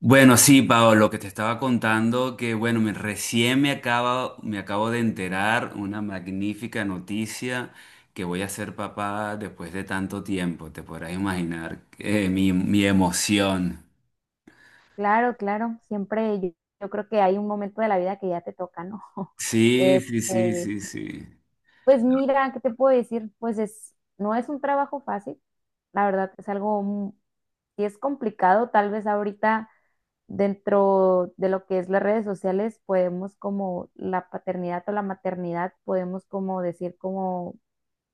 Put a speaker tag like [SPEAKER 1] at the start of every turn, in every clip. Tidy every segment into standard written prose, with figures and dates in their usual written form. [SPEAKER 1] Bueno, sí, Pablo, lo que te estaba contando, que bueno, recién me acabo de enterar una magnífica noticia que voy a ser papá después de tanto tiempo. Te podrás imaginar mi emoción.
[SPEAKER 2] Claro, claro, siempre yo creo que hay un momento de la vida que ya te toca, ¿no?
[SPEAKER 1] Sí, sí, sí,
[SPEAKER 2] Este,
[SPEAKER 1] sí, sí.
[SPEAKER 2] pues mira, ¿qué te puedo decir? Pues es, no es un trabajo fácil, la verdad es algo, sí es complicado, tal vez ahorita dentro de lo que es las redes sociales podemos como la paternidad o la maternidad, podemos como decir como,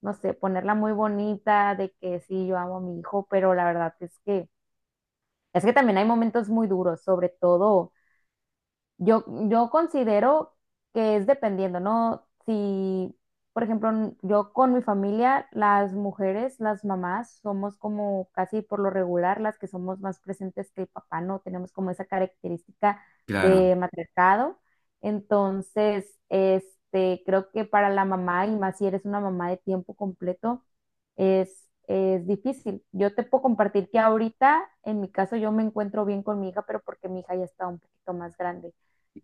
[SPEAKER 2] no sé, ponerla muy bonita de que sí, yo amo a mi hijo, pero la verdad es que también hay momentos muy duros, sobre todo. Yo considero que es dependiendo, ¿no? Si, por ejemplo, yo con mi familia, las mujeres, las mamás, somos como casi por lo regular las que somos más presentes que el papá, ¿no? Tenemos como esa característica
[SPEAKER 1] Claro,
[SPEAKER 2] de matriarcado. Entonces, este, creo que para la mamá, y más si eres una mamá de tiempo completo, es difícil. Yo te puedo compartir que ahorita, en mi caso, yo me encuentro bien con mi hija, pero porque mi hija ya está un poquito más grande.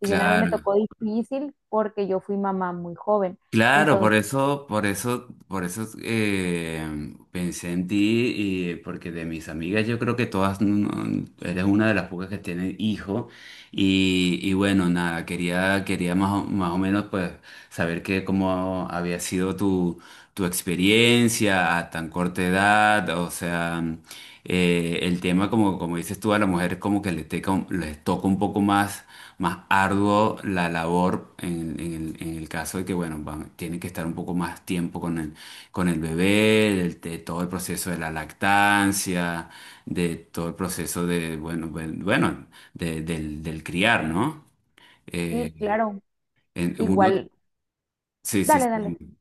[SPEAKER 2] Si bien a mí me
[SPEAKER 1] claro.
[SPEAKER 2] tocó difícil porque yo fui mamá muy joven.
[SPEAKER 1] Claro, por
[SPEAKER 2] Entonces,
[SPEAKER 1] eso, por eso, por eso, pensé en ti, y porque de mis amigas yo creo que todas no- eres una de las pocas que tienen hijo. Y bueno, nada, quería más o menos pues saber que cómo había sido tu experiencia a tan corta edad, o sea, el tema como, como dices tú, a las mujeres como que les toca un poco más arduo la labor en el caso de que, bueno, tienen que estar un poco más tiempo con el bebé, todo el proceso de la lactancia, de todo el proceso de, bueno, bueno, del criar, ¿no?
[SPEAKER 2] sí,
[SPEAKER 1] Eh,
[SPEAKER 2] claro,
[SPEAKER 1] en- uno,
[SPEAKER 2] igual,
[SPEAKER 1] sí, sí,
[SPEAKER 2] dale, dale.
[SPEAKER 1] sí.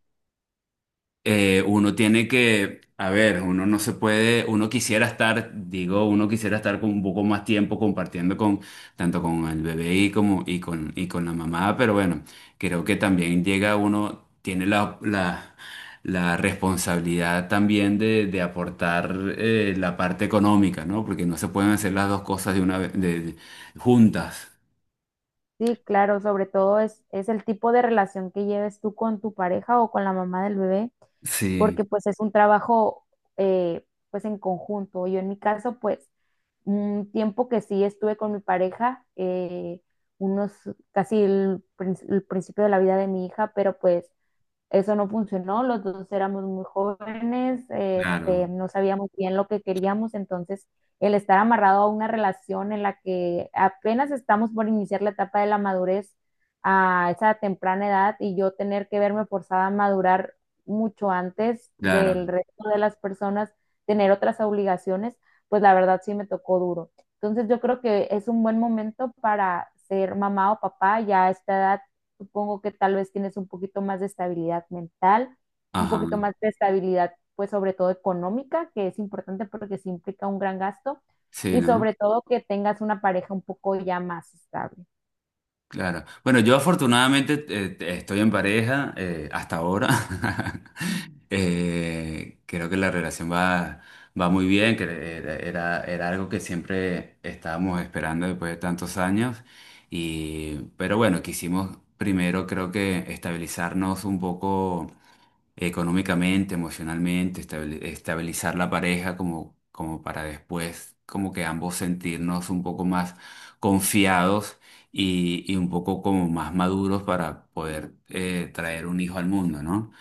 [SPEAKER 1] Uno tiene que, a ver, uno no se puede, uno quisiera estar, digo, uno quisiera estar con un poco más tiempo compartiendo con, tanto con el bebé y como, y con la mamá, pero bueno, creo que también llega uno, tiene la responsabilidad también de aportar la parte económica, ¿no? Porque no se pueden hacer las dos cosas de una vez, juntas.
[SPEAKER 2] Sí, claro, sobre todo es el tipo de relación que lleves tú con tu pareja o con la mamá del bebé,
[SPEAKER 1] Sí,
[SPEAKER 2] porque pues es un trabajo eh, pues en conjunto. Yo en mi caso, pues un tiempo que sí estuve con mi pareja, unos casi el principio de la vida de mi hija, pero pues eso no funcionó, los dos éramos muy jóvenes,
[SPEAKER 1] claro,
[SPEAKER 2] este, no sabíamos bien lo que queríamos, entonces el estar amarrado a una relación en la que apenas estamos por iniciar la etapa de la madurez a esa temprana edad y yo tener que verme forzada a madurar mucho antes
[SPEAKER 1] claro,
[SPEAKER 2] del resto de las personas, tener otras obligaciones, pues la verdad sí me tocó duro. Entonces yo creo que es un buen momento para ser mamá o papá, ya a esta edad. Supongo que tal vez tienes un poquito más de estabilidad mental, un
[SPEAKER 1] ajá,
[SPEAKER 2] poquito más de estabilidad, pues sobre todo económica, que es importante porque sí implica un gran gasto,
[SPEAKER 1] sí,
[SPEAKER 2] y
[SPEAKER 1] ¿no?
[SPEAKER 2] sobre todo que tengas una pareja un poco ya más estable.
[SPEAKER 1] Claro. Bueno, yo afortunadamente estoy en pareja hasta ahora. Creo que la relación va muy bien, que era algo que siempre estábamos esperando después de tantos años. Y pero bueno, quisimos primero, creo que, estabilizarnos un poco económicamente, emocionalmente, estabilizar la pareja, como, como para después, como que ambos sentirnos un poco más confiados y un poco como más maduros para poder traer un hijo al mundo, ¿no?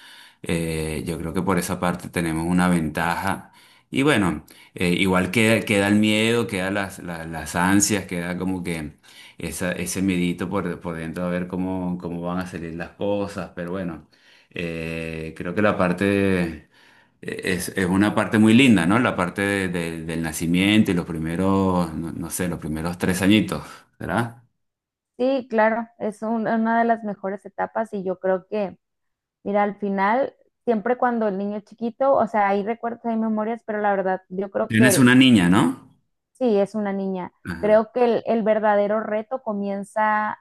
[SPEAKER 1] Yo creo que por esa parte tenemos una ventaja. Y bueno, igual queda el miedo, queda las ansias, queda como que ese miedito por dentro, a ver cómo, cómo van a salir las cosas, pero bueno. Creo que la parte es una parte muy linda, ¿no? La parte del nacimiento y los primeros, no, no sé, los primeros tres añitos, ¿verdad?
[SPEAKER 2] Sí, claro, es una de las mejores etapas y yo creo que, mira, al final, siempre cuando el niño es chiquito, o sea, hay recuerdos, hay memorias, pero la verdad, yo creo que
[SPEAKER 1] Tienes una niña, ¿no?
[SPEAKER 2] sí, es una niña.
[SPEAKER 1] Ajá,
[SPEAKER 2] Creo que el verdadero reto comienza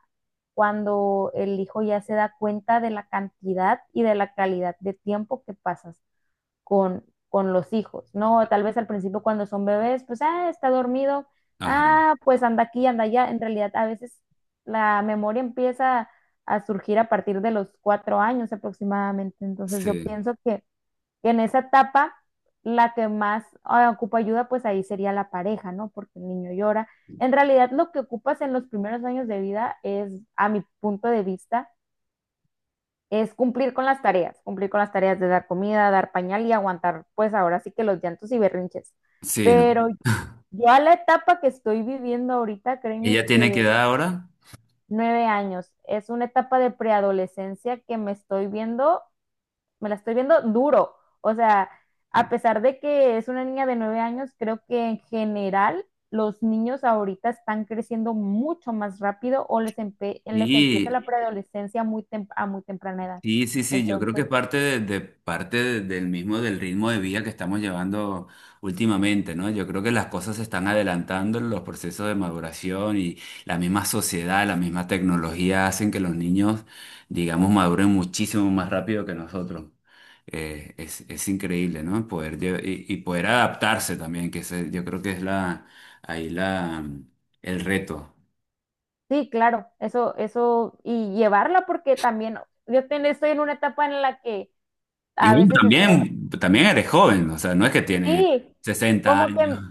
[SPEAKER 2] cuando el hijo ya se da cuenta de la cantidad y de la calidad de tiempo que pasas con los hijos, ¿no? Tal vez al principio cuando son bebés, pues, ah, está dormido,
[SPEAKER 1] ajá,
[SPEAKER 2] ah, pues anda aquí, anda allá. En realidad, a veces la memoria empieza a surgir a partir de los 4 años aproximadamente. Entonces, yo
[SPEAKER 1] sí,
[SPEAKER 2] pienso que en esa etapa, la que más ocupa ayuda, pues ahí sería la pareja, ¿no? Porque el niño llora. En realidad, lo que ocupas en los primeros años de vida es, a mi punto de vista, es cumplir con las tareas, cumplir con las tareas de dar comida, dar pañal y aguantar, pues ahora sí que los llantos y berrinches.
[SPEAKER 1] sí, ¿no?
[SPEAKER 2] Pero ya la etapa que estoy viviendo ahorita, créeme
[SPEAKER 1] Ella tiene que
[SPEAKER 2] que
[SPEAKER 1] edad ahora.
[SPEAKER 2] 9 años, es una etapa de preadolescencia que me la estoy viendo duro. O sea, a pesar de que es una niña de 9 años, creo que en general los niños ahorita están creciendo mucho más rápido o les empieza la
[SPEAKER 1] y
[SPEAKER 2] preadolescencia a muy temprana edad.
[SPEAKER 1] Sí, sí, sí, yo creo que
[SPEAKER 2] Entonces,
[SPEAKER 1] es parte, parte del mismo, del ritmo de vida que estamos llevando últimamente, ¿no? Yo creo que las cosas se están adelantando, los procesos de maduración, y la misma sociedad, la misma tecnología hacen que los niños, digamos, maduren muchísimo más rápido que nosotros. Es increíble, ¿no? Y poder adaptarse también, que yo creo que es ahí el reto.
[SPEAKER 2] sí, claro, eso, y llevarla porque también yo estoy en una etapa en la que
[SPEAKER 1] Y
[SPEAKER 2] a
[SPEAKER 1] bueno,
[SPEAKER 2] veces estoy,
[SPEAKER 1] también, también eres joven, o sea, no es que tiene
[SPEAKER 2] sí,
[SPEAKER 1] 60
[SPEAKER 2] como
[SPEAKER 1] años.
[SPEAKER 2] que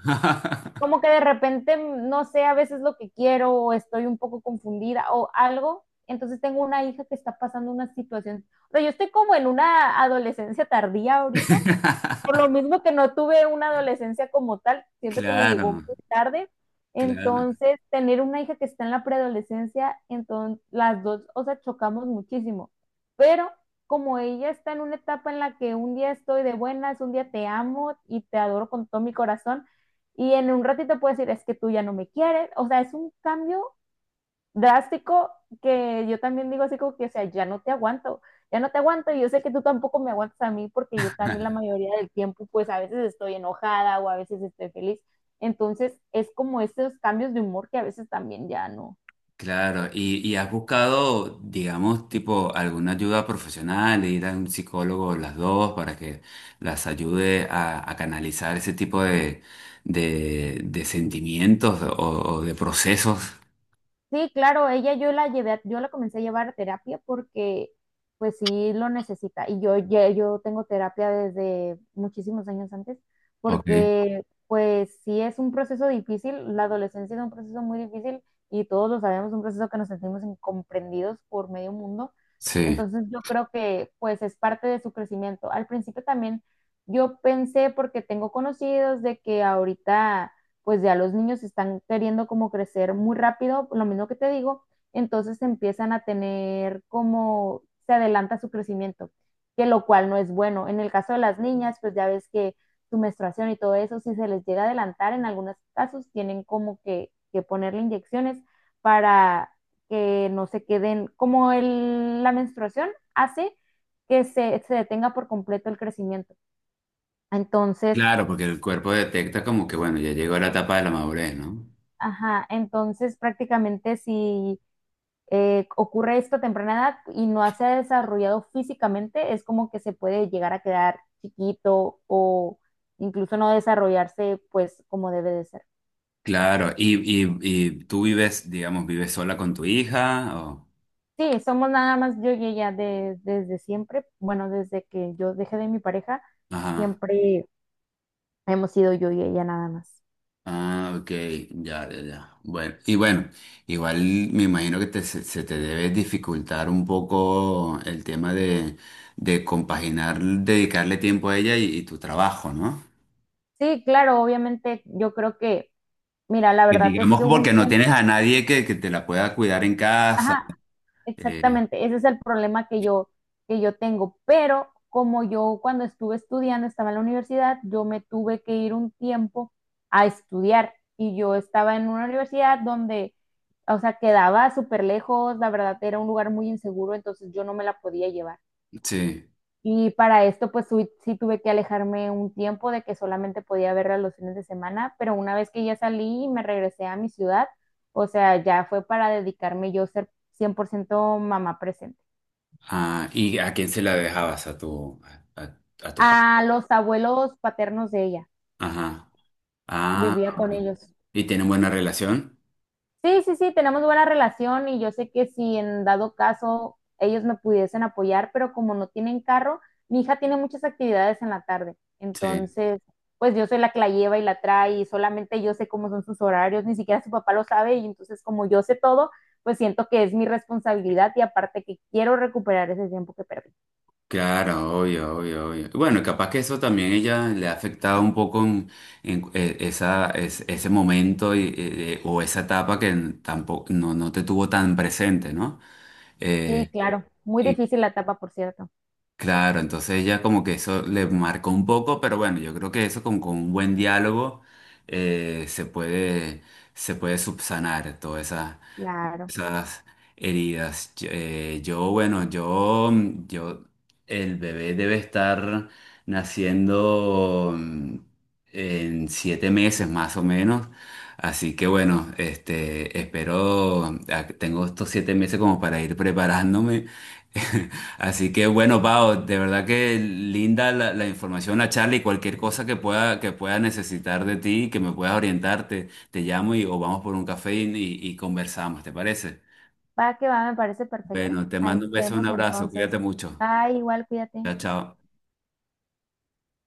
[SPEAKER 2] como que de repente no sé a veces lo que quiero o estoy un poco confundida o algo. Entonces tengo una hija que está pasando una situación, o sea, yo estoy como en una adolescencia tardía ahorita por lo mismo que no tuve una adolescencia como tal, siento que me
[SPEAKER 1] Claro,
[SPEAKER 2] llegó muy tarde.
[SPEAKER 1] claro,
[SPEAKER 2] Entonces, tener una hija que está en la preadolescencia, entonces las dos, o sea, chocamos muchísimo. Pero como ella está en una etapa en la que un día estoy de buenas, un día te amo y te adoro con todo mi corazón, y en un ratito puedes decir, es que tú ya no me quieres, o sea, es un cambio drástico que yo también digo así como que, o sea, ya no te aguanto, ya no te aguanto y yo sé que tú tampoco me aguantas a mí porque yo también la mayoría del tiempo pues a veces estoy enojada o a veces estoy feliz. Entonces es como estos cambios de humor que a veces también ya no.
[SPEAKER 1] claro. Y has buscado, digamos, tipo alguna ayuda profesional, ir a un psicólogo las dos para que las ayude a canalizar ese tipo de sentimientos, o de procesos?
[SPEAKER 2] Sí, claro, ella yo la llevé, yo la comencé a llevar a terapia porque pues sí lo necesita y yo tengo terapia desde muchísimos años antes
[SPEAKER 1] Ok,
[SPEAKER 2] porque pues sí es un proceso difícil, la adolescencia es un proceso muy difícil y todos lo sabemos, un proceso que nos sentimos incomprendidos por medio mundo.
[SPEAKER 1] sí.
[SPEAKER 2] Entonces yo creo que pues es parte de su crecimiento. Al principio también yo pensé porque tengo conocidos de que ahorita pues ya los niños están queriendo como crecer muy rápido, lo mismo que te digo, entonces empiezan a tener como se adelanta su crecimiento, que lo cual no es bueno. En el caso de las niñas, pues ya ves que su menstruación y todo eso, si se les llega a adelantar, en algunos casos tienen como que ponerle inyecciones para que no se queden, como la menstruación hace que se detenga por completo el crecimiento. Entonces,
[SPEAKER 1] Claro, porque el cuerpo detecta como que, bueno, ya llegó la etapa de la madurez, ¿no?
[SPEAKER 2] ajá, entonces prácticamente si ocurre esto a temprana edad y no se ha desarrollado físicamente, es como que se puede llegar a quedar chiquito o incluso no desarrollarse pues como debe de ser.
[SPEAKER 1] Claro. ¿Y, y tú vives, digamos, vives sola con tu hija o...?
[SPEAKER 2] Sí, somos nada más yo y ella desde siempre, bueno, desde que yo dejé de mi pareja,
[SPEAKER 1] Ajá,
[SPEAKER 2] siempre hemos sido yo y ella nada más.
[SPEAKER 1] ah, ok, ya, ya, ya. Bueno, y bueno, igual me imagino que te, se te debe dificultar un poco el tema de compaginar, dedicarle tiempo a ella y tu trabajo, ¿no?
[SPEAKER 2] Sí, claro, obviamente yo creo que, mira, la
[SPEAKER 1] Que
[SPEAKER 2] verdad es
[SPEAKER 1] digamos
[SPEAKER 2] que hubo un
[SPEAKER 1] porque no
[SPEAKER 2] tiempo,
[SPEAKER 1] tienes a nadie que te la pueda cuidar en casa.
[SPEAKER 2] ajá.
[SPEAKER 1] eh,
[SPEAKER 2] Exactamente, ese es el problema que yo tengo. Pero como yo cuando estuve estudiando, estaba en la universidad, yo me tuve que ir un tiempo a estudiar y yo estaba en una universidad donde, o sea, quedaba súper lejos, la verdad era un lugar muy inseguro, entonces yo no me la podía llevar.
[SPEAKER 1] sí.
[SPEAKER 2] Y para esto, pues sí, sí tuve que alejarme un tiempo de que solamente podía verla los fines de semana, pero una vez que ya salí y me regresé a mi ciudad, o sea, ya fue para dedicarme yo a ser 100% mamá presente.
[SPEAKER 1] Ah, ¿y a quién se la dejabas? A, a tu papá.
[SPEAKER 2] A los abuelos paternos de ella,
[SPEAKER 1] Ajá. Ah,
[SPEAKER 2] vivía con
[SPEAKER 1] ok.
[SPEAKER 2] ellos.
[SPEAKER 1] ¿Y tienen buena relación?
[SPEAKER 2] Sí, sí, sí, tenemos buena relación y yo sé que si en dado caso ellos me pudiesen apoyar, pero como no tienen carro, mi hija tiene muchas actividades en la tarde.
[SPEAKER 1] Sí,
[SPEAKER 2] Entonces, pues yo soy la que la lleva y la trae y solamente yo sé cómo son sus horarios, ni siquiera su papá lo sabe y entonces como yo sé todo, pues siento que es mi responsabilidad y aparte que quiero recuperar ese tiempo que perdí.
[SPEAKER 1] claro, obvio, obvio, obvio. Bueno, capaz que eso también ella le ha afectado un poco en, ese momento y, o esa etapa que tampoco no, no te tuvo tan presente, ¿no?
[SPEAKER 2] Sí,
[SPEAKER 1] Eh,
[SPEAKER 2] claro, muy
[SPEAKER 1] y
[SPEAKER 2] difícil la etapa, por cierto.
[SPEAKER 1] claro, entonces ella como que eso le marcó un poco, pero bueno, yo creo que eso con un buen diálogo se se puede subsanar toda
[SPEAKER 2] Claro.
[SPEAKER 1] esas heridas. Yo, yo, bueno, yo, El bebé debe estar naciendo en 7 meses más o menos. Así que bueno, este, tengo estos 7 meses como para ir preparándome. Así que bueno, Pau, de verdad que linda la información, la charla, y cualquier cosa que pueda necesitar de ti, que me puedas orientarte, te llamo, y o vamos por un café y conversamos, ¿te parece?
[SPEAKER 2] Va que va, me parece perfecto.
[SPEAKER 1] Bueno, te
[SPEAKER 2] Ahí
[SPEAKER 1] mando un
[SPEAKER 2] nos
[SPEAKER 1] beso, un
[SPEAKER 2] vemos
[SPEAKER 1] abrazo,
[SPEAKER 2] entonces.
[SPEAKER 1] cuídate mucho.
[SPEAKER 2] Bye, igual, cuídate.
[SPEAKER 1] Chao, chao.